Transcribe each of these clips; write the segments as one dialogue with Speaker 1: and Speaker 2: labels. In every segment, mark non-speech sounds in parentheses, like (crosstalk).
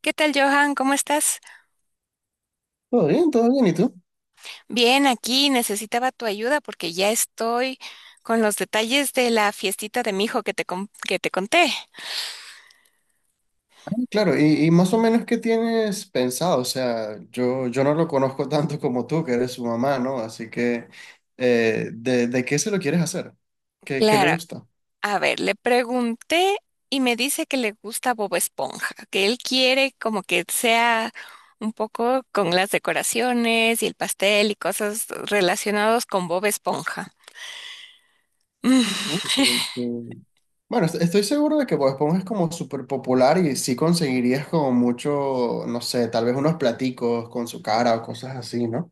Speaker 1: ¿Qué tal, Johan? ¿Cómo estás?
Speaker 2: Todo bien, ¿y tú?
Speaker 1: Bien, aquí necesitaba tu ayuda porque ya estoy con los detalles de la fiestita de mi hijo que te conté.
Speaker 2: Claro, y más o menos qué tienes pensado, o sea, yo no lo conozco (laughs) tanto como tú, que eres su mamá, ¿no? Así que, ¿de qué se lo quieres hacer? ¿Qué le
Speaker 1: Claro,
Speaker 2: gusta?
Speaker 1: a ver, le pregunté y me dice que le gusta Bob Esponja, que él quiere como que sea un poco con las decoraciones y el pastel y cosas relacionados con Bob Esponja. (laughs) Mm.
Speaker 2: Uh, que- que- Bueno, estoy seguro de que Bob Esponja es como súper popular y sí conseguirías como mucho, no sé, tal vez unos platicos con su cara o cosas así, ¿no?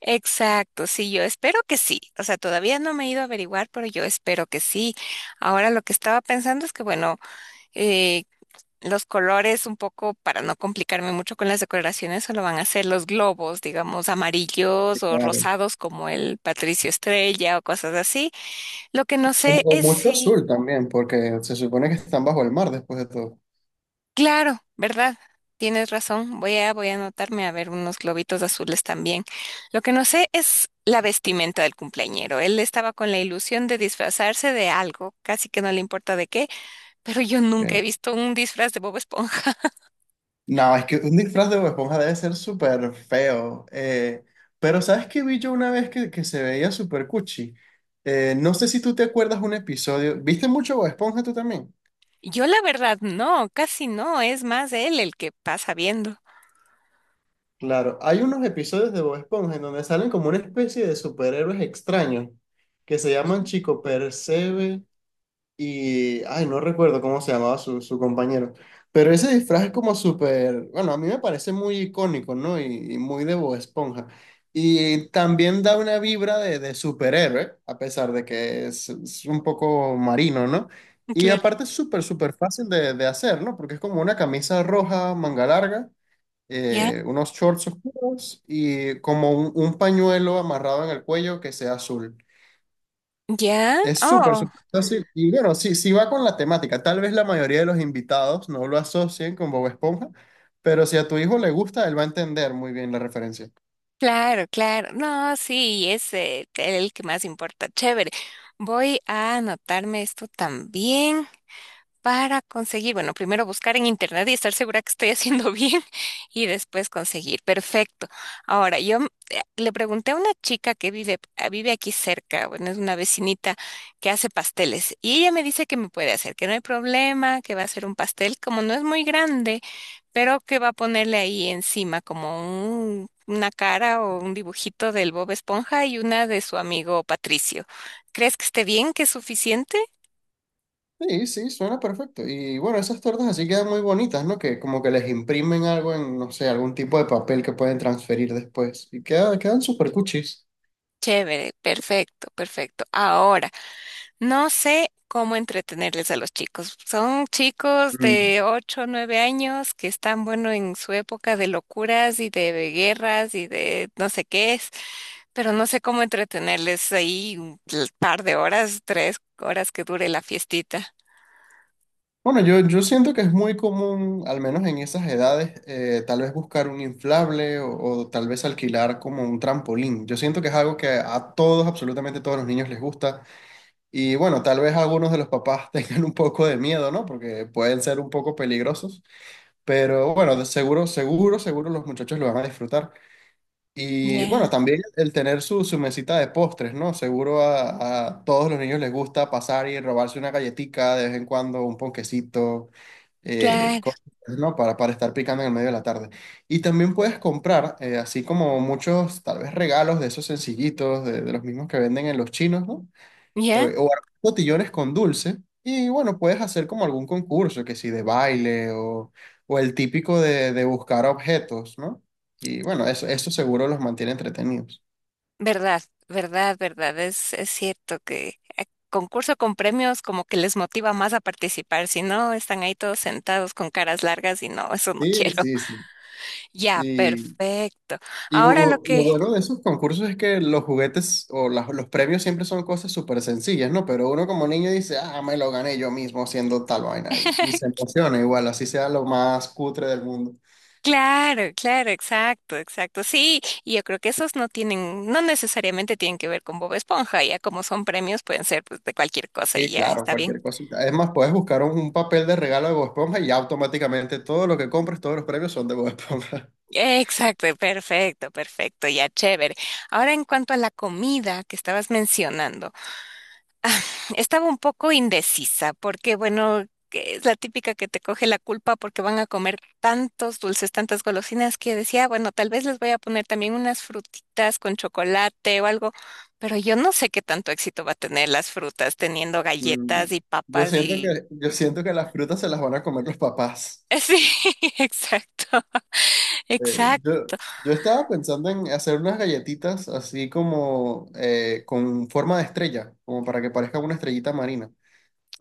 Speaker 1: Exacto, sí, yo espero que sí. O sea, todavía no me he ido a averiguar, pero yo espero que sí. Ahora lo que estaba pensando es que, bueno, eh, los colores un poco, para no complicarme mucho con las decoraciones, solo van a ser los globos, digamos, amarillos o
Speaker 2: Claro.
Speaker 1: rosados como el Patricio Estrella o cosas así. Lo que no
Speaker 2: O,
Speaker 1: sé
Speaker 2: o
Speaker 1: es
Speaker 2: mucho
Speaker 1: si,
Speaker 2: azul también, porque se supone que están bajo el mar después de todo.
Speaker 1: claro, ¿verdad? Tienes razón, voy a anotarme a ver unos globitos azules también. Lo que no sé es la vestimenta del cumpleañero. Él estaba con la ilusión de disfrazarse de algo, casi que no le importa de qué, pero yo nunca he
Speaker 2: Que-
Speaker 1: visto un disfraz de Bob Esponja.
Speaker 2: No, es que un disfraz de Bob Esponja debe ser súper feo. Pero ¿sabes qué vi yo una vez que se veía súper cuchi? No sé si tú te acuerdas un episodio. ¿Viste mucho Bob Esponja tú también?
Speaker 1: Yo la verdad no, casi no, es más él el que pasa viendo.
Speaker 2: Claro, hay unos episodios de Bob Esponja en donde salen como una especie de superhéroes extraños que se llaman
Speaker 1: Ujú.
Speaker 2: Chico Percebe. Y, ay, no recuerdo cómo se llamaba su compañero. Pero ese disfraz es como súper, bueno, a mí me parece muy icónico, ¿no? Y muy de Bob Esponja. Y también da una vibra de superhéroe, a pesar de que es un poco marino, ¿no? Y
Speaker 1: Claro.
Speaker 2: aparte es súper, súper fácil de hacer, ¿no? Porque es como una camisa roja, manga larga,
Speaker 1: ¿Ya?
Speaker 2: unos shorts oscuros y como un pañuelo amarrado en el cuello que sea azul.
Speaker 1: ¿Ya?
Speaker 2: Es súper,
Speaker 1: Oh,
Speaker 2: súper fácil. Y bueno, sí, sí va con la temática. Tal vez la mayoría de los invitados no lo asocien con Bob Esponja, pero si a tu hijo le gusta, él va a entender muy bien la referencia.
Speaker 1: claro, claro. No, sí, es el que más importa. Chévere. Voy a anotarme esto también, para conseguir, bueno, primero buscar en internet y estar segura que estoy haciendo (laughs) bien y después conseguir. Perfecto. Ahora, yo le pregunté a una chica que vive aquí cerca, bueno, es una vecinita que hace pasteles y ella me dice que me puede hacer, que no hay problema, que va a hacer un pastel, como no es muy grande, pero que va a ponerle ahí encima como una cara o un dibujito del Bob Esponja y una de su amigo Patricio. ¿Crees que esté bien, que es suficiente?
Speaker 2: Sí, sí, suena perfecto. Y bueno, esas tortas así quedan muy bonitas, ¿no? Que como que les imprimen algo en, no sé, algún tipo de papel que pueden transferir después. Y quedan súper cuchis.
Speaker 1: Chévere, perfecto, perfecto. Ahora, no sé cómo entretenerles a los chicos. Son chicos de 8 o 9 años que están, bueno, en su época de locuras y de guerras y de no sé qué es, pero no sé cómo entretenerles ahí un par de horas, 3 horas que dure la fiestita.
Speaker 2: Bueno, yo siento que es muy común, al menos en esas edades, tal vez buscar un inflable o tal vez alquilar como un trampolín. Yo siento que es algo que a todos, absolutamente todos los niños les gusta. Y bueno, tal vez algunos de los papás (laughs) tengan un poco de miedo, ¿no? Porque pueden ser un poco peligrosos. Pero bueno, de seguro, seguro, seguro los muchachos lo van a disfrutar. Y bueno,
Speaker 1: Ya,
Speaker 2: también el tener su, su mesita de postres, ¿no? Seguro a todos los niños les gusta pasar y robarse una galletica de vez en cuando, un ponquecito eh,
Speaker 1: claro,
Speaker 2: co- ¿no? Para estar picando en el medio de la tarde. Y también puedes comprar, así como muchos, tal vez regalos de esos sencillitos, de los mismos que venden en los chinos, ¿no?
Speaker 1: ya,
Speaker 2: O armar botillones con dulce. Y bueno, puedes hacer como algún concurso, que si de baile o el típico de buscar objetos, ¿no? Y bueno, eso seguro los mantiene entretenidos.
Speaker 1: verdad, verdad, verdad, es cierto que concurso con premios como que les motiva más a participar, si no están ahí todos sentados con caras largas y no, eso no
Speaker 2: Sí,
Speaker 1: quiero.
Speaker 2: sí,
Speaker 1: (laughs) Ya,
Speaker 2: sí.
Speaker 1: perfecto.
Speaker 2: Y
Speaker 1: Ahora lo
Speaker 2: lo
Speaker 1: que,
Speaker 2: bueno de esos concursos es que los juguetes o los premios siempre son cosas súper sencillas, ¿no? Pero uno como niño dice, ah, me lo gané yo mismo haciendo tal vaina y se
Speaker 1: (laughs)
Speaker 2: emociona igual, así sea lo más cutre del mundo.
Speaker 1: Claro, claro, exacto, exacto. Sí, y yo creo que esos no tienen, no necesariamente tienen que ver con Bob Esponja, ya como son premios pueden ser pues, de cualquier cosa y
Speaker 2: Y
Speaker 1: ya
Speaker 2: claro,
Speaker 1: está bien.
Speaker 2: cualquier cosita. Es más, puedes buscar un papel de regalo de Bob Esponja y automáticamente todo lo que compres, todos los premios son de Bob Esponja. (laughs)
Speaker 1: Exacto, perfecto, perfecto, ya chévere. Ahora en cuanto a la comida que estabas mencionando, (laughs) Ah, estaba un poco indecisa porque, bueno, que es la típica que te coge la culpa porque van a comer tantos dulces, tantas golosinas que decía: "Ah, bueno, tal vez les voy a poner también unas frutitas con chocolate o algo, pero yo no sé qué tanto éxito va a tener las frutas teniendo
Speaker 2: Mm.
Speaker 1: galletas y papas y".
Speaker 2: Yo siento que las frutas se las van a comer los papás.
Speaker 1: (laughs) Sí, (laughs) exacto,
Speaker 2: Eh,
Speaker 1: exacto.
Speaker 2: yo, yo estaba pensando en hacer unas galletitas así como con forma de estrella, como para que parezca una estrellita marina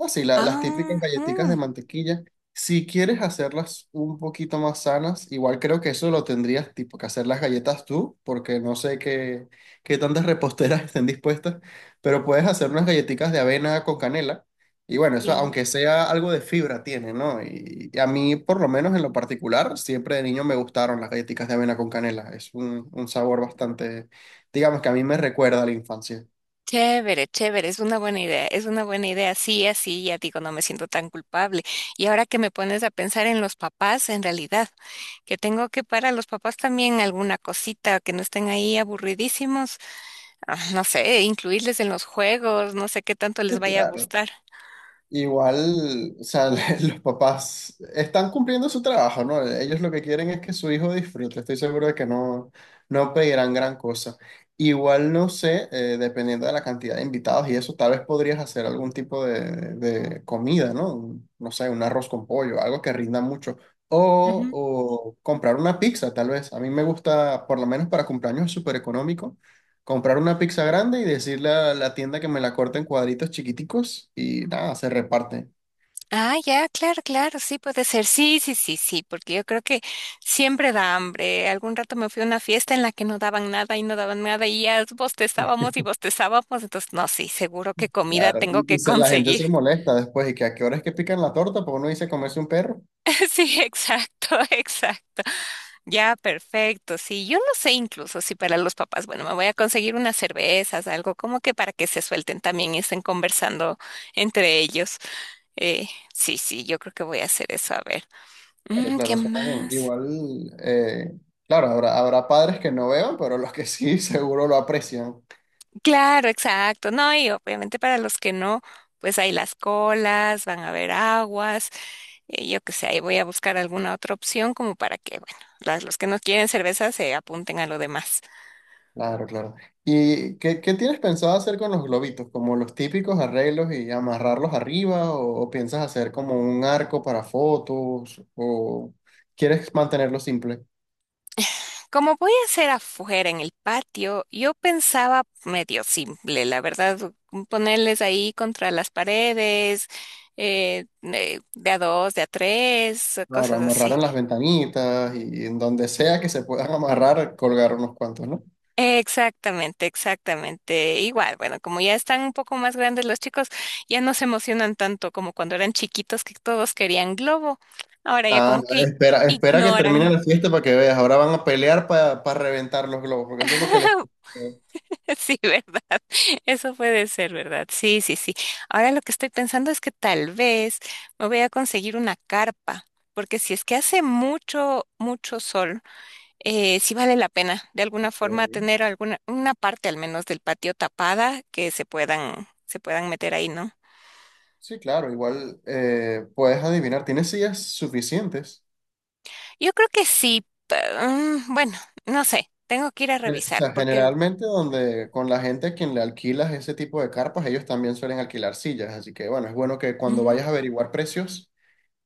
Speaker 2: así las típicas galletitas de
Speaker 1: Ajá.
Speaker 2: mantequilla. Si quieres hacerlas un poquito más sanas, igual creo que eso lo tendrías tipo que hacer las galletas tú, porque no sé qué, qué tantas reposteras (laughs) estén dispuestas, pero puedes hacer unas galletitas de avena con canela. Y bueno, eso
Speaker 1: Ya.
Speaker 2: aunque sea algo de fibra tiene, ¿no? Y a mí, por lo menos en lo particular, siempre de niño me gustaron las galletitas de avena con canela. Es un sabor bastante, digamos que a mí me recuerda a la infancia.
Speaker 1: Chévere, chévere, es una buena idea, es una buena idea. Sí, así ya digo, no me siento tan culpable. Y ahora que me pones a pensar en los papás, en realidad, que tengo que para los papás también alguna cosita, que no estén ahí aburridísimos, ah, no sé, incluirles en los juegos, no sé qué tanto les vaya a
Speaker 2: Claro.
Speaker 1: gustar.
Speaker 2: Igual, o sea, (laughs) los papás están cumpliendo su trabajo, ¿no? Ellos lo que quieren es que su hijo disfrute. Estoy seguro de que no, no pedirán gran cosa. Igual, no sé, dependiendo de la cantidad de invitados y eso, tal vez podrías hacer algún tipo de comida, ¿no? No sé, un arroz con pollo, algo que rinda mucho. O comprar una pizza, tal vez. A mí me gusta, por lo menos para cumpleaños, súper económico comprar una pizza grande y decirle a la tienda que me la corte en cuadritos chiquiticos y nada, se reparte.
Speaker 1: Ah, ya, claro, claro, sí puede ser. Sí, sí, sí, sí, porque yo creo que siempre da hambre. Algún rato me fui a una fiesta en la que no daban nada y no daban nada y ya bostezábamos y bostezábamos. Entonces, no, sí, seguro que comida
Speaker 2: Claro,
Speaker 1: tengo
Speaker 2: y, y
Speaker 1: que
Speaker 2: se- la gente
Speaker 1: conseguir.
Speaker 2: se molesta después y que a qué hora es que pican la torta, porque uno dice comerse un perro.
Speaker 1: (laughs) Sí, exacto, (laughs) exacto. Ya, perfecto. Sí, yo no sé incluso si para los papás, bueno, me voy a conseguir unas cervezas, algo como que para que se suelten también y estén conversando entre ellos. Eh, sí, sí, yo creo que voy a hacer eso. A ver,
Speaker 2: Claro,
Speaker 1: mm,
Speaker 2: claro,
Speaker 1: ¿qué
Speaker 2: eso está bien.
Speaker 1: más?
Speaker 2: Igual, claro, habrá padres que no vean, pero los que sí (laughs) seguro lo aprecian.
Speaker 1: Claro, exacto. No, y obviamente para los que no, pues hay las colas, van a haber aguas, yo qué sé, ahí voy a buscar alguna otra opción como para que, bueno, los que no quieren cerveza se apunten a lo demás.
Speaker 2: Claro, claro. ¿Y qué, qué tienes pensado hacer con los globitos? ¿Como los típicos arreglos y amarrarlos arriba? ¿O piensas hacer como un arco para fotos? ¿O quieres mantenerlo simple?
Speaker 1: Como voy a hacer afuera en el patio, yo pensaba medio simple, la verdad, ponerles ahí contra las paredes, de a dos, de a tres,
Speaker 2: Claro,
Speaker 1: cosas
Speaker 2: amarrar
Speaker 1: así.
Speaker 2: en las ventanitas y en donde sea que se puedan amarrar, colgar unos cuantos, ¿no?
Speaker 1: Exactamente, exactamente. Igual, bueno, como ya están un poco más grandes los chicos, ya no se emocionan tanto como cuando eran chiquitos que todos querían globo. Ahora ya
Speaker 2: Ah,
Speaker 1: como
Speaker 2: no,
Speaker 1: que
Speaker 2: espera, espera que termine
Speaker 1: ignoran.
Speaker 2: la fiesta para que veas. Ahora van a pelear para reventar los globos, porque eso es lo que les...
Speaker 1: (laughs) Sí, ¿verdad? Eso puede ser, ¿verdad? Sí, sí, sí. Ahora lo que estoy pensando es que tal vez me voy a conseguir una carpa, porque si es que hace mucho, mucho sol. Sí vale la pena de alguna forma
Speaker 2: Ok.
Speaker 1: tener una parte al menos del patio tapada que se puedan meter ahí, ¿no?
Speaker 2: Sí, claro, igual puedes adivinar, tienes sillas suficientes.
Speaker 1: Yo creo que sí, bueno, no sé, tengo que ir a
Speaker 2: O
Speaker 1: revisar
Speaker 2: sea,
Speaker 1: porque.
Speaker 2: generalmente donde con la gente a quien le alquilas ese tipo de carpas, ellos también suelen alquilar sillas, así que bueno, es bueno que cuando vayas a
Speaker 1: Ujú.
Speaker 2: averiguar precios,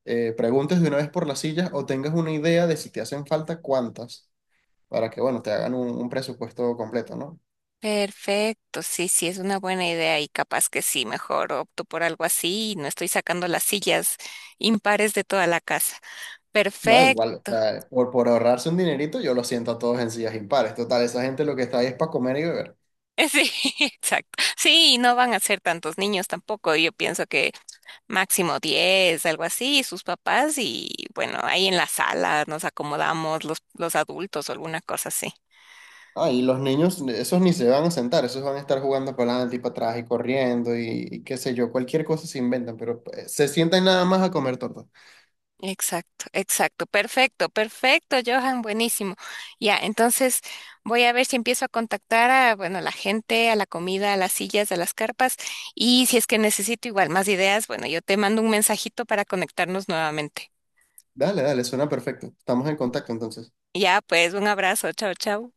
Speaker 2: preguntes de una vez por las sillas o tengas una idea de si te hacen falta cuántas. Para que, bueno, te hagan un presupuesto completo, ¿no?
Speaker 1: Perfecto, sí, sí, es una buena idea y capaz que sí, mejor opto por algo así y no estoy sacando las sillas impares de toda la casa.
Speaker 2: No, igual, o
Speaker 1: Perfecto. (laughs)
Speaker 2: sea, por ahorrarse un dinerito, yo lo siento a todos en sillas impares. Total, esa gente lo que está ahí es para comer y beber.
Speaker 1: Sí, exacto. Sí, y no van a ser tantos niños tampoco. Yo pienso que máximo 10 algo así, y sus papás y bueno, ahí en la sala nos acomodamos los adultos o alguna cosa así.
Speaker 2: Ah, y los niños, esos ni se van a sentar, esos van a estar jugando para adelante y para atrás y corriendo y qué sé yo, cualquier cosa se inventan, pero se sientan nada más a comer torta.
Speaker 1: Exacto, exacto, perfecto, perfecto, Johan, buenísimo. Ya, entonces voy a ver si empiezo a contactar a, bueno, a la gente, a la comida, a las sillas, a las carpas y si es que necesito igual más ideas, bueno, yo te mando un mensajito para conectarnos nuevamente.
Speaker 2: Dale, dale, suena perfecto. Estamos en contacto entonces.
Speaker 1: Ya, pues, un abrazo, chao, chao.